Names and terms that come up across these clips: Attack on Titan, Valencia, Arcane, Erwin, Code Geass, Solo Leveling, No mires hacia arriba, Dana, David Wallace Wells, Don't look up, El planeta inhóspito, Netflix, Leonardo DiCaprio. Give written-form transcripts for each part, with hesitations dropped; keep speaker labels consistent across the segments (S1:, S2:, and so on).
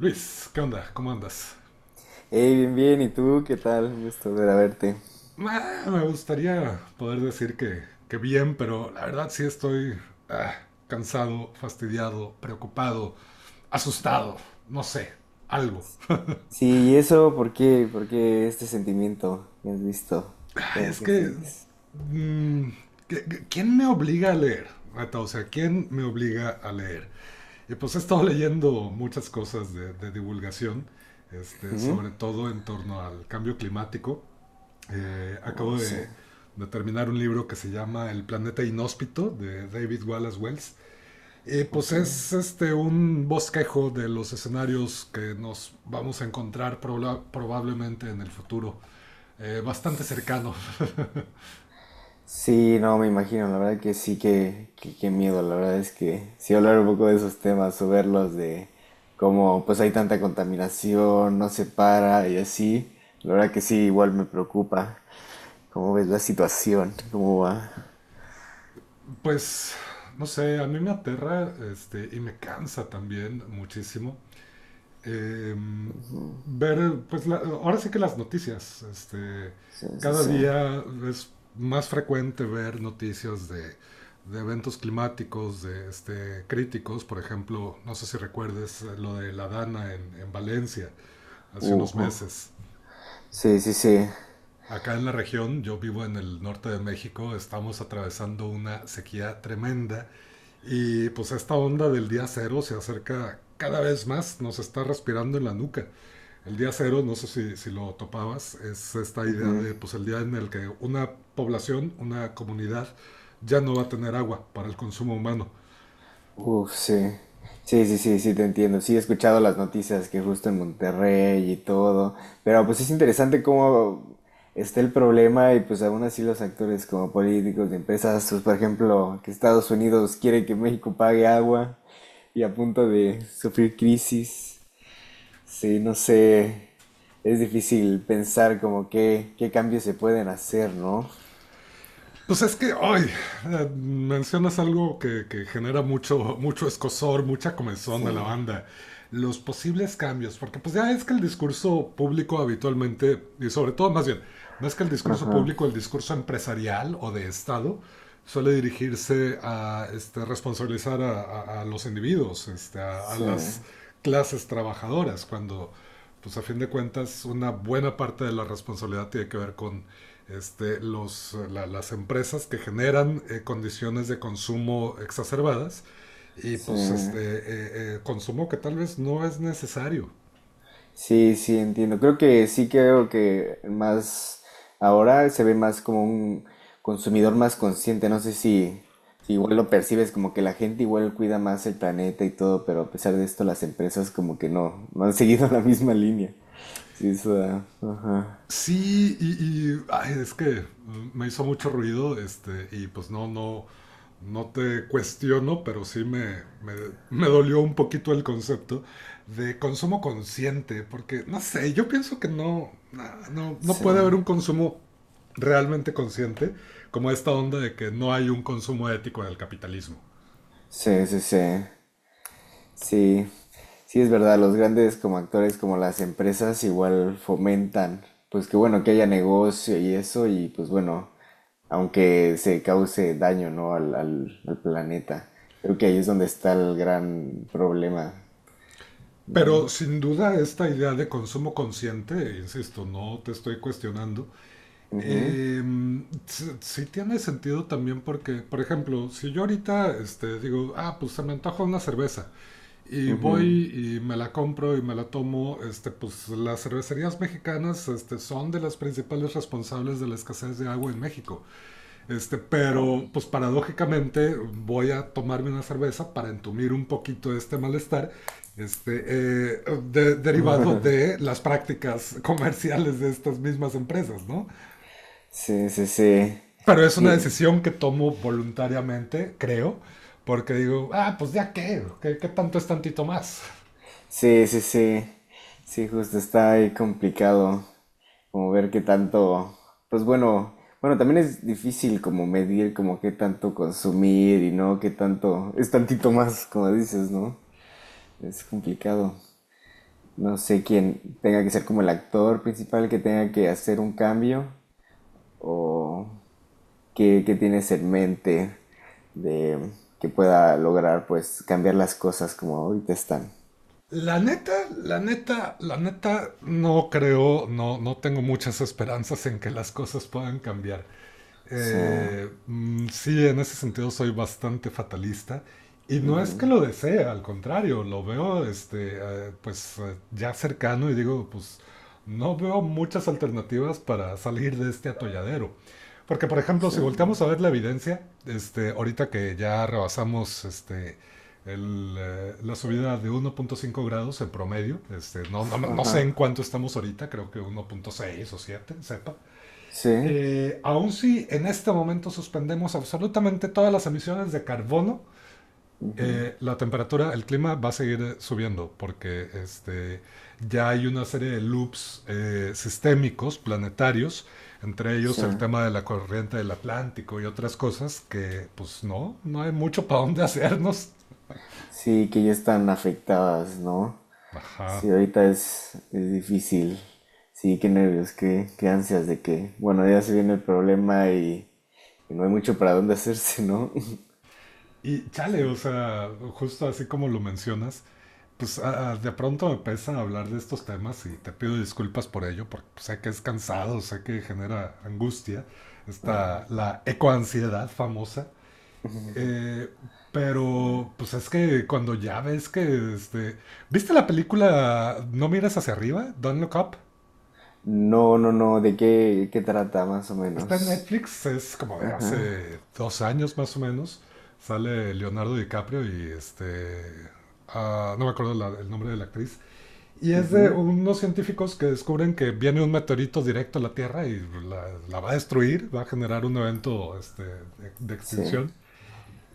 S1: Luis, ¿qué onda? ¿Cómo andas?
S2: Hey, bien, bien, ¿y tú qué tal? Un gusto volver a verte.
S1: Me gustaría poder decir que, bien, pero la verdad sí estoy ah, cansado, fastidiado, preocupado, asustado, no sé, algo.
S2: Sí, ¿y eso por qué? ¿Por qué este sentimiento que has visto? ¿Cómo
S1: Es
S2: que
S1: que...
S2: sientes?
S1: mm, ¿Quién me obliga a leer? Neta, o sea, ¿quién me obliga a leer? Y pues he estado leyendo muchas cosas de divulgación, este, sobre todo en torno al cambio climático.
S2: O
S1: Acabo de,
S2: sea,
S1: de, terminar un libro que se llama El planeta inhóspito de David Wallace Wells. Pues
S2: ok.
S1: es este, un bosquejo de los escenarios que nos vamos a encontrar probablemente en el futuro. Bastante cercano.
S2: Sí, no, me imagino, la verdad que sí, qué miedo, la verdad es que sí hablar un poco de esos temas o verlos de cómo pues hay tanta contaminación, no se para y así, la verdad que sí, igual me preocupa. ¿Cómo ves la situación? ¿Cómo va?
S1: Pues, no sé, a mí me aterra este, y me cansa también muchísimo eh, ver, pues ahora sí que las noticias, este,
S2: Sí, sí,
S1: cada
S2: sí.
S1: día es más frecuente ver noticias de eventos climáticos, de este, críticos, por ejemplo, no sé si recuerdes lo de la Dana en Valencia hace
S2: Uh,
S1: unos
S2: uh.
S1: meses.
S2: Sí, sí, sí.
S1: Acá en la región, yo vivo en el norte de México, estamos atravesando una sequía tremenda y pues esta onda del día cero se acerca cada vez más, nos está respirando en la nuca. El día cero, no sé si lo topabas, es esta idea de pues el día en el que una población, una comunidad ya no va a tener agua para el consumo humano.
S2: Uf, sí. Sí, sí, sí, sí, te entiendo. Sí, he escuchado las noticias que justo en Monterrey y todo, pero pues es interesante cómo está el problema y pues aún así los actores como políticos de empresas, pues por ejemplo, que Estados Unidos quiere que México pague agua y a punto de sufrir crisis. Sí, no sé, es difícil pensar como qué cambios se pueden hacer, ¿no?
S1: Pues es que hoy mencionas algo que genera mucho, mucho escosor, mucha comezón
S2: Sí.
S1: a la banda. Los posibles cambios, porque pues ya es que el discurso público habitualmente, y sobre todo más bien, más que el discurso
S2: Ajá.
S1: público, el discurso empresarial o de Estado, suele dirigirse a este, responsabilizar a los individuos, este, a
S2: Sí.
S1: las clases trabajadoras, cuando pues a fin de cuentas una buena parte de la responsabilidad tiene que ver con este, las empresas que generan condiciones de consumo exacerbadas y
S2: Sí.
S1: pues este consumo que tal vez no es necesario.
S2: Sí, sí, entiendo. Creo que sí. Creo que más ahora se ve más como un consumidor más consciente. No sé si, si igual lo percibes como que la gente igual cuida más el planeta y todo, pero a pesar de esto las empresas como que no, no han seguido la misma línea. Sí, ajá.
S1: Sí, ay, es que me hizo mucho ruido, este, y pues no, no, no te cuestiono, pero sí me dolió un poquito el concepto de consumo consciente, porque no sé, yo pienso que no, no, no
S2: Sí,
S1: puede haber un consumo realmente consciente, como esta onda de que no hay un consumo ético en el capitalismo.
S2: sí, sí, sí. Sí, sí es verdad, los grandes como actores, como las empresas, igual fomentan, pues que bueno, que haya negocio y eso, y pues bueno, aunque se cause daño, ¿no? al planeta. Creo que ahí es donde está el gran problema.
S1: Pero sin duda esta idea de consumo consciente, insisto, no te estoy cuestionando. Eh, sí, sí tiene sentido también porque, por ejemplo, si yo ahorita este, digo, ah, pues se me antoja una cerveza y voy y me la compro y me la tomo, este, pues las cervecerías mexicanas este, son de las principales responsables de la escasez de agua en México. Este, pero,
S2: Oh.
S1: pues paradójicamente voy a tomarme una cerveza para entumir un poquito este malestar. Este, eh, derivado de las prácticas comerciales de estas mismas empresas, ¿no?
S2: Sí, sí, sí.
S1: Pero es una
S2: Sí.
S1: decisión que tomo voluntariamente, creo, porque digo, ah, pues ya qué, qué tanto es tantito más.
S2: Sí, sí, sí. Sí, justo está ahí complicado. Como ver qué tanto. Pues bueno, bueno, también es difícil como medir como qué tanto consumir y no qué tanto. Es tantito más, como dices, ¿no? Es complicado. No sé quién tenga que ser como el actor principal que tenga que hacer un cambio o qué tienes en mente de que pueda lograr pues cambiar las cosas como ahorita están. O
S1: La neta, la neta, la neta, no creo, no, no tengo muchas esperanzas en que las cosas puedan cambiar.
S2: sea,
S1: Mm, sí, en ese sentido soy bastante fatalista. Y no es que lo desee, al contrario, lo veo este, pues ya cercano y digo, pues no veo muchas alternativas para salir de este atolladero. Porque, por ejemplo,
S2: sí.
S1: si volteamos a ver la evidencia, este, ahorita que ya rebasamos este, la subida de 1.5 grados en promedio, este, no, no, no no
S2: Ajá.
S1: sé en cuánto estamos ahorita, creo que 1.6 o 7, sepa.
S2: Sí,
S1: Aun si en este momento suspendemos absolutamente todas las emisiones de carbono, la temperatura, el clima va a seguir subiendo porque este, ya hay una serie de loops sistémicos, planetarios, entre ellos
S2: sí.
S1: el tema de la corriente del Atlántico y otras cosas que pues no, no hay mucho para dónde hacernos.
S2: Sí, que ya están afectadas, ¿no? Sí,
S1: Ajá.
S2: ahorita es difícil. Sí, qué nervios, qué, qué ansias de que, bueno, ya se viene el problema y no hay mucho para dónde hacerse, ¿no?
S1: Y
S2: Sí.
S1: chale, o sea, justo así como lo mencionas, pues de pronto me pesa hablar de estos temas y te pido disculpas por ello, porque pues, sé que es cansado, sé que genera angustia, está la ecoansiedad famosa. Eh, pero pues es que cuando ya ves que este, ¿viste la película No mires hacia arriba? Don't look up.
S2: No, no, no, ¿de qué, qué trata más o
S1: Está en
S2: menos?
S1: Netflix, es como de hace 2 años más o menos. Sale Leonardo DiCaprio y este no me acuerdo el nombre de la actriz. Y es de unos científicos que descubren que viene un meteorito directo a la Tierra y la va a destruir, va a generar un evento este, de
S2: Sí,
S1: extinción.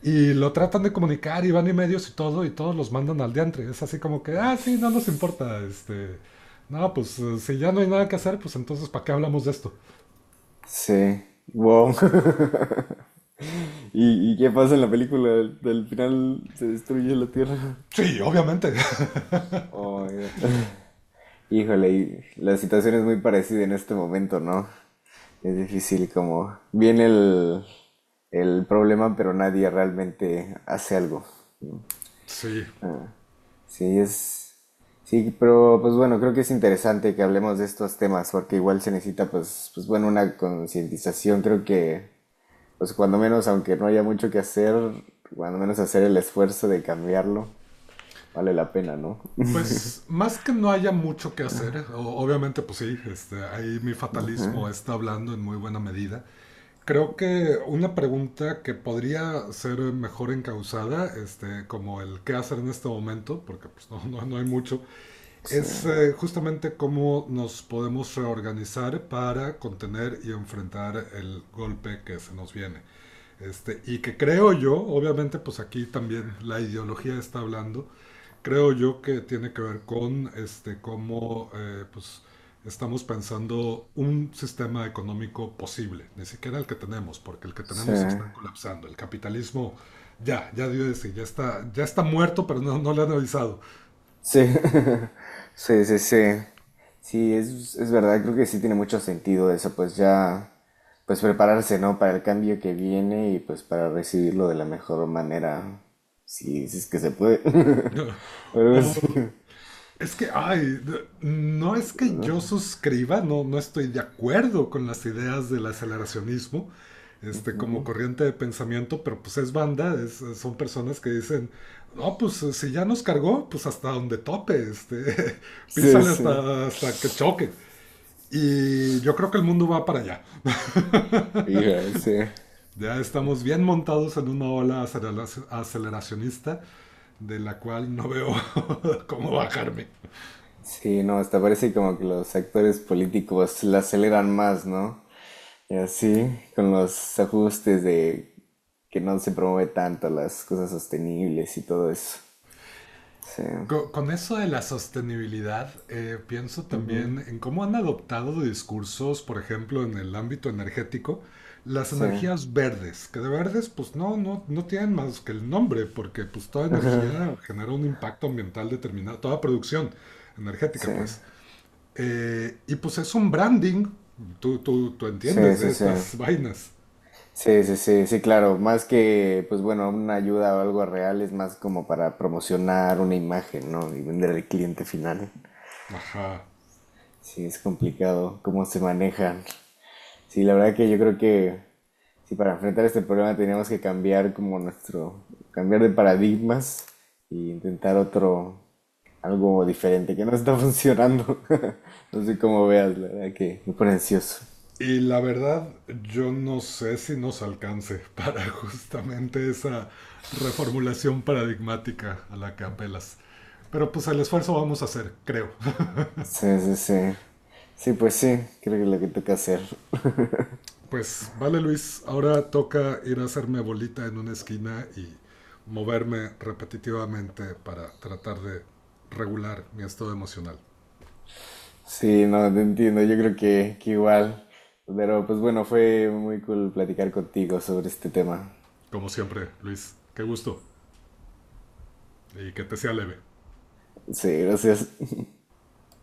S1: Y lo tratan de comunicar y van y medios y todo, y todos los mandan al diantre. Es así como que, ah, sí, no nos importa, este... No, pues si ya no hay nada que hacer, pues entonces ¿para qué hablamos de esto?
S2: sí. Wow. ¿Y, y qué pasa en la película? Al final se destruye la Tierra.
S1: Sí, obviamente.
S2: Oh, ya. Híjole, y la situación es muy parecida en este momento, ¿no? Es difícil como viene el problema, pero nadie realmente hace algo.
S1: Sí.
S2: Sí, sí, pero pues bueno, creo que es interesante que hablemos de estos temas, porque igual se necesita pues, pues bueno, una concientización. Creo que pues cuando menos, aunque no haya mucho que hacer, cuando menos hacer el esfuerzo de cambiarlo, vale la pena, ¿no?
S1: Pues más que no haya mucho que hacer, obviamente pues sí, este, ahí mi fatalismo está hablando en muy buena medida. Creo que una pregunta que podría ser mejor encauzada, este, como el qué hacer en este momento, porque pues, no, no hay mucho,
S2: Sí,
S1: es justamente cómo nos podemos reorganizar para contener y enfrentar el golpe que se nos viene. Este, y que creo yo, obviamente, pues aquí también la ideología está hablando. Creo yo que tiene que ver con este, cómo pues, estamos pensando un sistema económico posible, ni siquiera el que tenemos, porque el que
S2: sí,
S1: tenemos se está colapsando. El capitalismo ya, ya dio de sí, ya está muerto, pero no, no le han avisado.
S2: sí. Sí, sí, sí. Sí, es verdad, creo que sí tiene mucho sentido eso, pues ya, pues prepararse, ¿no? Para el cambio que viene y pues para recibirlo de la mejor manera, si es que se puede. Algo
S1: O,
S2: así.
S1: Es que, ay, no es que yo suscriba, no, no estoy de acuerdo con las ideas del aceleracionismo, este, como corriente de pensamiento, pero pues es banda, son personas que dicen, no, pues si ya nos cargó, pues hasta donde tope, este,
S2: Sí,
S1: písale
S2: sí.
S1: hasta, que choque. Y yo creo que el mundo va para allá.
S2: Hija, sí.
S1: Ya estamos bien montados en una ola aceleracionista de la cual no veo cómo bajarme.
S2: Sí, no, hasta parece como que los actores políticos la aceleran más, ¿no? Y así, con los ajustes de que no se promueve tanto las cosas sostenibles y todo eso. Sí,
S1: Con eso de la sostenibilidad, pienso también en cómo han adoptado discursos, por ejemplo, en el ámbito energético, las
S2: sí.
S1: energías verdes, que de verdes pues no, no, no tienen más que el nombre, porque pues toda energía genera un impacto ambiental determinado, toda producción
S2: Sí,
S1: energética pues. Y pues es un branding, tú
S2: sí,
S1: entiendes
S2: sí,
S1: de
S2: sí.
S1: estas vainas.
S2: Sí, sí, sí, sí, claro. Más que, pues bueno, una ayuda o algo real es más como para promocionar una imagen, ¿no? Y vender al cliente final.
S1: Ajá.
S2: Sí, es complicado cómo se manejan. Sí, la verdad que yo creo que sí, para enfrentar este problema tenemos que cambiar como nuestro, cambiar de paradigmas e intentar otro, algo diferente que no está funcionando. No sé cómo veas, la verdad que me pone ansioso.
S1: Y la verdad, yo no sé si nos alcance para justamente esa reformulación paradigmática a la que apelas. Pero pues el esfuerzo vamos a hacer, creo.
S2: Sí, sí, sí. Sí, pues sí, creo que es lo que toca hacer.
S1: Pues vale, Luis, ahora toca ir a hacerme bolita en una esquina y moverme repetitivamente para tratar de regular mi estado emocional.
S2: Sí, no, te entiendo, yo creo que igual. Pero pues bueno, fue muy cool platicar contigo sobre este tema.
S1: Como siempre, Luis, qué gusto, y que te sea leve.
S2: Sí, gracias.